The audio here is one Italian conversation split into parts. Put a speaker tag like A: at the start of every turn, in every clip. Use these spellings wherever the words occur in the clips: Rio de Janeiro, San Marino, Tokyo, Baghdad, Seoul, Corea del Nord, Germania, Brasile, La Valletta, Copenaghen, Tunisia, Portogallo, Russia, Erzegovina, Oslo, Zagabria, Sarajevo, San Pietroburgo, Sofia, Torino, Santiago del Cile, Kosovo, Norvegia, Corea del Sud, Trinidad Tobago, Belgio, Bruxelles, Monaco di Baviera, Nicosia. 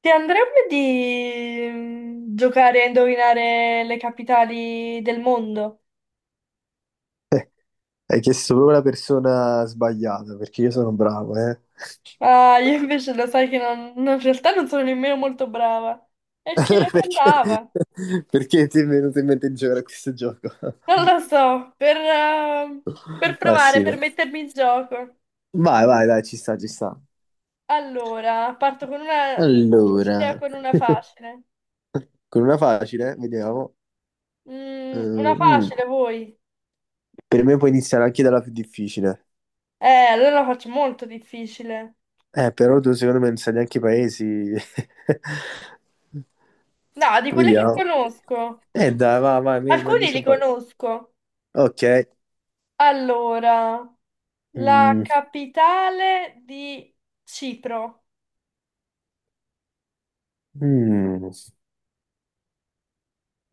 A: Ti andrebbe di giocare a indovinare le capitali del mondo?
B: Hai chiesto proprio la persona sbagliata, perché io sono bravo, eh.
A: Ah, io invece lo sai che in realtà non sono nemmeno molto brava. E che
B: Allora perché,
A: andava?
B: perché ti è venuto in mente di giocare a questo gioco?
A: Non lo so, per
B: Ah
A: provare,
B: sì,
A: per
B: dai.
A: mettermi in gioco.
B: Vai, vai, dai, ci sta, ci sta.
A: Allora, parto con una
B: Allora,
A: difficile o con una facile?
B: con una facile, vediamo. Eh,
A: Mm, una
B: mm,
A: facile, voi?
B: per me puoi iniziare anche dalla più difficile.
A: Eh, allora la faccio molto difficile.
B: Però tu secondo me non sai neanche i paesi.
A: No, di quelle che
B: Vediamo.
A: conosco.
B: Dai, vai, vai, mi
A: Alcuni
B: dici
A: li
B: un paio.
A: conosco.
B: Ok.
A: Allora. La
B: Mm,
A: capitale di Cipro.
B: mm.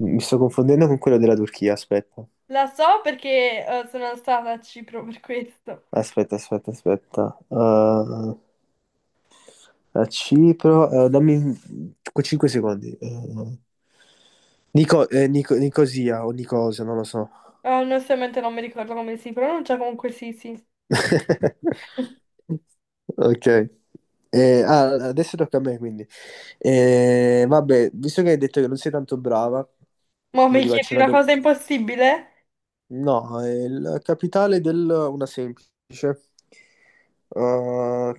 B: Mi sto confondendo con quello della Turchia, aspetta.
A: La so perché sono stata a Cipro per questo.
B: Aspetta, aspetta, aspetta. A Cipro, dammi 5 secondi. Nico, Nicosia o Nicosia, non lo so.
A: Onestamente non mi ricordo come si pronuncia, comunque sì, sì.
B: Ok. Ah, adesso tocca a me, quindi. Vabbè, visto che hai detto che non sei tanto brava,
A: Ma
B: io
A: mi
B: ti faccio
A: chiedi
B: una
A: una
B: domanda.
A: cosa impossibile?
B: No, è la capitale del... una semplice. Uh,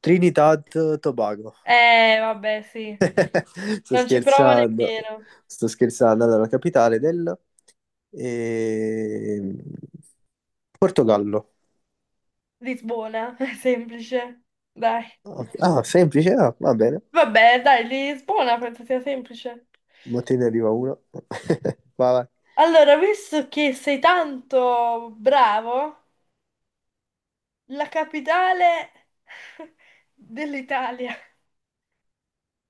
B: Trinidad Tobago.
A: Vabbè, sì.
B: Sto
A: Non ci provo
B: scherzando,
A: nemmeno.
B: sto scherzando. Allora, la capitale del ehm, Portogallo.
A: Lisbona, è semplice. Dai.
B: Ok. Ah, semplice, ah, va bene.
A: Vabbè, dai, Lisbona penso sia semplice.
B: Ma te ne arriva uno. Vai, vai.
A: Allora, visto che sei tanto bravo, la capitale dell'Italia.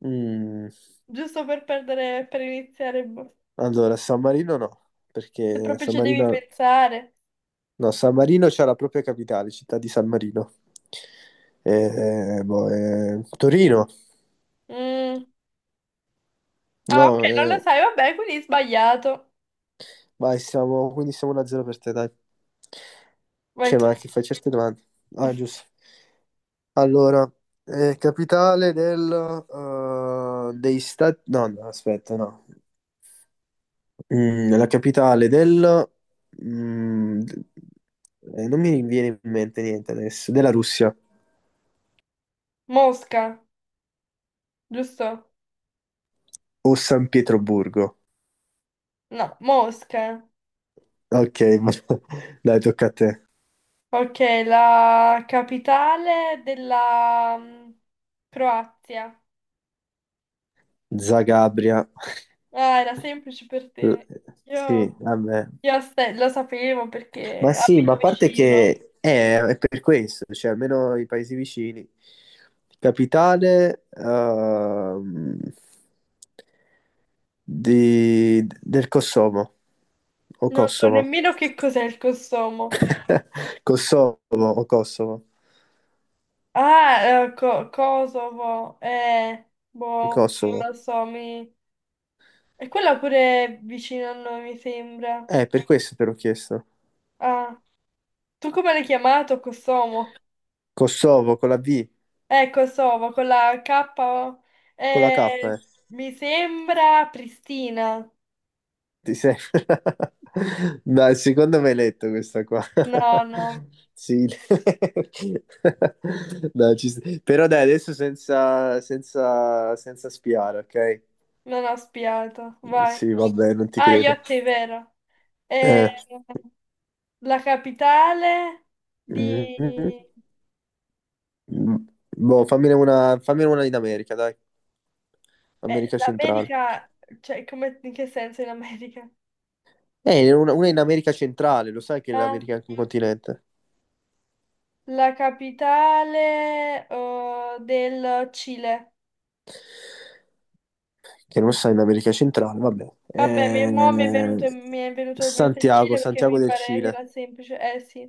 B: Mm,
A: Giusto per perdere, per iniziare, boh.
B: allora, San Marino no,
A: Se
B: perché
A: proprio
B: San
A: ci devi
B: Marino...
A: pensare.
B: No, San Marino c'ha la propria capitale, città di San Marino. Boh, Torino.
A: Mm. Ah, ok,
B: No,
A: non lo sai, vabbè, quindi sbagliato.
B: vai, siamo, quindi siamo 1-0 per te, dai.
A: Vai
B: Cioè,
A: tu.
B: ma che fai certe domande? Ah, giusto. Allora, capitale del, dei stati... No, no, aspetta, no. Mm, la capitale del... mm, d- non mi viene in mente niente adesso. Della Russia.
A: Mosca, giusto?
B: O San Pietroburgo.
A: No, Mosca.
B: Ok, dai, tocca a te.
A: Ok, la capitale della Croazia.
B: Zagabria.
A: Ah, era semplice per
B: L-
A: te.
B: Sì,
A: Io,
B: vabbè.
A: lo sapevo
B: Ma
A: perché
B: sì, ma
A: abito
B: a parte
A: vicino.
B: che è per questo, cioè almeno i paesi vicini. Capitale del Kosovo o
A: Non so
B: Kosovo.
A: nemmeno che cos'è il Kosovo.
B: Kosovo o Kosovo.
A: Ah, Kosovo, boh, non
B: Kosovo.
A: lo so, mi... E quella pure è vicino a noi, mi sembra.
B: Per questo te l'ho chiesto.
A: Ah, tu come l'hai chiamato, Kosovo?
B: Kosovo con la V,
A: Kosovo, con la K,
B: con la K. Eh.
A: mi sembra Pristina.
B: Ti sei... Dai, secondo me hai letto questa qua.
A: No, no,
B: Sì. Dai, ci sta. Però dai, adesso senza spiare, ok?
A: non ho spiato, vai.
B: Sì, vabbè, non ti
A: Ah,
B: credo.
A: Iotti, è vero. Eh,
B: Eh.
A: la capitale di...
B: Mm. Boh, fammine una in America, dai. America centrale.
A: l'America, cioè, come, in che senso in America?
B: Una in America centrale, lo sai che
A: Ah,
B: l'America è anche un continente.
A: la capitale, del Cile.
B: Che non sta in America centrale, vabbè.
A: Vabbè, mi è venuto in mente il
B: Santiago,
A: Cile perché
B: Santiago
A: mi
B: del
A: pare che
B: Cile.
A: era semplice. Eh sì.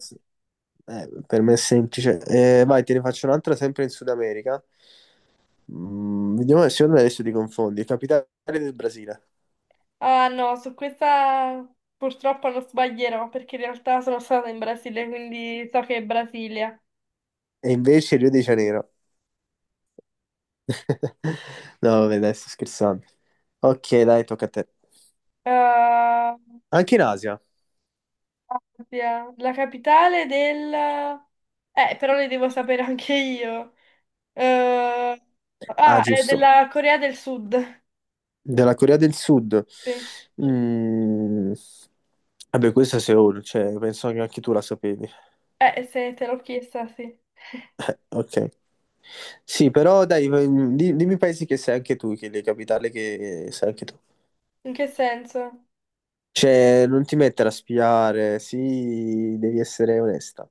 B: Per me è semplice. Vai, te ne faccio un'altra sempre in Sud America. Mm, vediamo se secondo me adesso ti confondi. Capitale del Brasile.
A: Ah no, su questa purtroppo non sbaglierò perché in realtà sono stata in Brasile, quindi so che è Brasilia.
B: E invece Rio de Janeiro. No, vabbè, dai, sto scherzando. Ok, dai, tocca a te.
A: Ah,
B: Anche in Asia.
A: La capitale del... però le devo sapere anche io. Eh,
B: Ah,
A: Ah, è
B: giusto.
A: della Corea del Sud.
B: Della Corea del Sud.
A: Sì.
B: Mm, Vabbè, questa è Seoul, cioè, penso che anche tu la sapevi.
A: Se te l'ho chiesta, sì.
B: Ok. Sì, però dai, dimmi i paesi che sei anche tu, che le capitali che sei anche tu.
A: In che senso?
B: Cioè, non ti mettere a spiare, sì, devi essere onesta.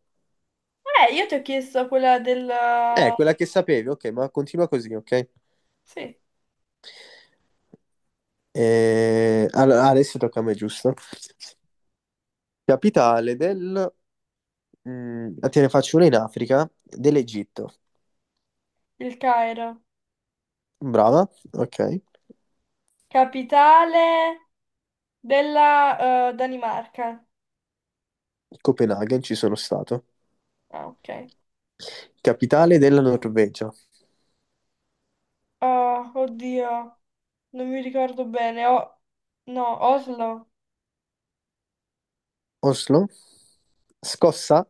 A: Io ti ho chiesto quella del...
B: Quella che sapevi, ok, ma continua così, ok?
A: Sì,
B: Allora, adesso tocca a me, giusto? Capitale del... mm, te ne faccio una in Africa, dell'Egitto.
A: il Cairo.
B: Brava, ok.
A: Capitale della Danimarca.
B: Copenaghen, ci sono stato.
A: Ah, ok.
B: Capitale della Norvegia.
A: Ah, oddio, non mi ricordo bene. No, Oslo.
B: Oslo. Scossa.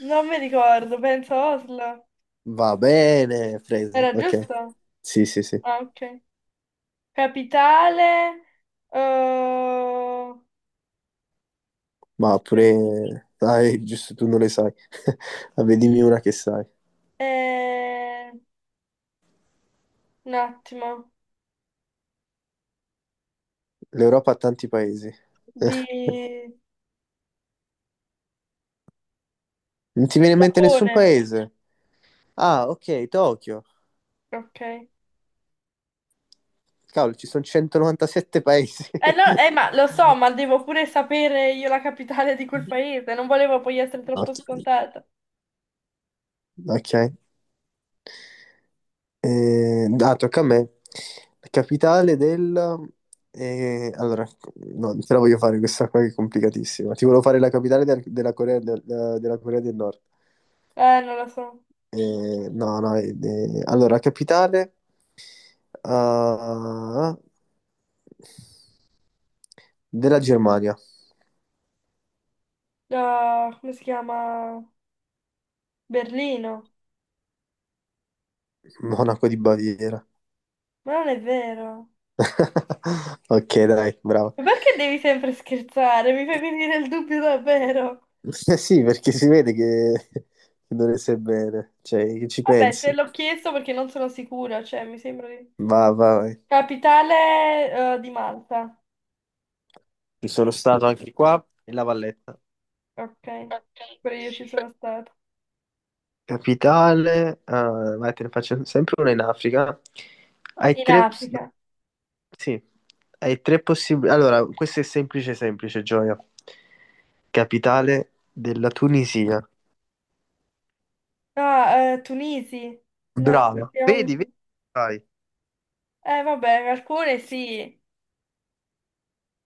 A: Non mi ricordo, penso Oslo.
B: Va bene, presa,
A: Era
B: ok.
A: giusto?
B: Sì, sì, sì.
A: Ah, ok. Capitale. eh,
B: Ma
A: aspe-
B: pure... Dai, giusto, tu non le sai. Vabbè, dimmi una che sai.
A: eh, un attimo.
B: L'Europa ha tanti paesi.
A: Di...
B: Non ti
A: del
B: viene in mente nessun
A: Giappone.
B: paese? Ah, ok, Tokyo.
A: Ok.
B: Cavolo, ci sono 197 paesi.
A: Eh no, ma lo so, ma devo pure sapere io la capitale di quel paese. Non volevo poi essere troppo
B: Ok.
A: scontata.
B: Ok. Ah, tocca a me. La capitale del... allora, no, te la voglio fare questa qua che è complicatissima. Ti volevo fare la capitale della Corea del Nord.
A: Non lo so.
B: No, no, allora, la capitale ah, della Germania.
A: Ah, come si chiama? Berlino.
B: Monaco di Baviera.
A: Ma non è vero.
B: Ok, dai, bravo.
A: Ma perché devi sempre scherzare? Mi fai venire il dubbio davvero.
B: Eh sì, perché si vede che non ne sai bene, cioè, che ci
A: Vabbè, te
B: pensi.
A: l'ho chiesto perché non sono sicura, cioè mi sembra di...
B: Vai.
A: Capitale, di Malta.
B: Ci sono stato anche qua in La Valletta.
A: Ok, pure io ci sono stata.
B: Capitale, ah, vai, te ne faccio sempre una in Africa. Hai
A: In
B: tre,
A: Africa.
B: sì, hai tre possibili. Allora, questo è semplice, semplice, Gioia. Capitale della Tunisia.
A: Ah, Tunisi. No,
B: Brava. Vedi, vedi,
A: siamo...
B: vai.
A: Vabbè, alcune sì.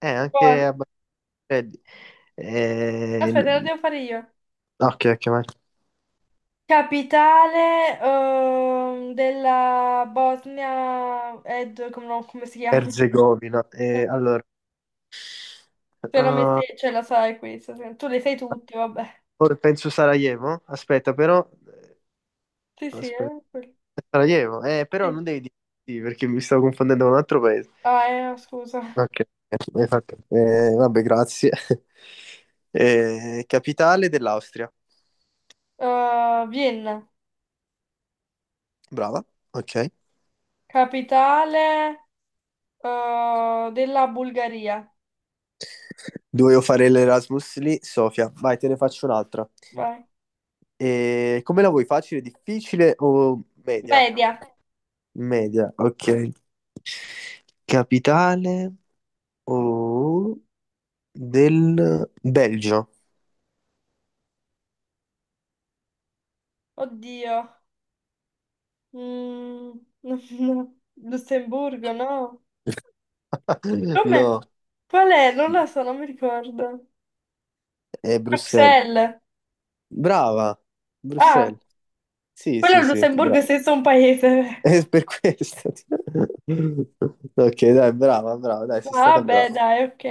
A: Poi,
B: Anche a Baghdad. Eh,
A: aspetta, lo
B: n-
A: devo fare io.
B: ok, ok, vai.
A: Capitale, della Bosnia... Ed, come, no, come si chiama?
B: Erzegovina. Allora,
A: Te lo
B: ah,
A: metti, ce la sai questa, no, tu le sai tutti, vabbè.
B: ora penso Sarajevo. Aspetta, però,
A: Sì, sì,
B: aspetta. Sarajevo, però
A: sì.
B: non devi dire sì perché mi stavo confondendo con un altro paese.
A: Ah, no, scusa.
B: Ok, vabbè, grazie. Capitale dell'Austria.
A: Vienna,
B: Brava, ok.
A: capitale della Bulgaria.
B: Dovevo fare l'Erasmus lì, Sofia. Vai, te ne faccio un'altra.
A: Vai.
B: Come la vuoi? Facile, difficile o media?
A: Media.
B: Media, ok. Capitale o del Belgio?
A: Oddio. Mm, no. Lussemburgo, no? Come?
B: No,
A: Qual è? Non lo so, non mi ricordo.
B: è Bruxelles.
A: Bruxelles.
B: Brava,
A: Ah,
B: Bruxelles. Sì,
A: quello è
B: sì,
A: il
B: sì,
A: Lussemburgo è
B: brava.
A: senza un paese.
B: È per questo. Ok, dai, brava, brava, dai, sei
A: Ah,
B: stata
A: beh,
B: brava.
A: dai, ok.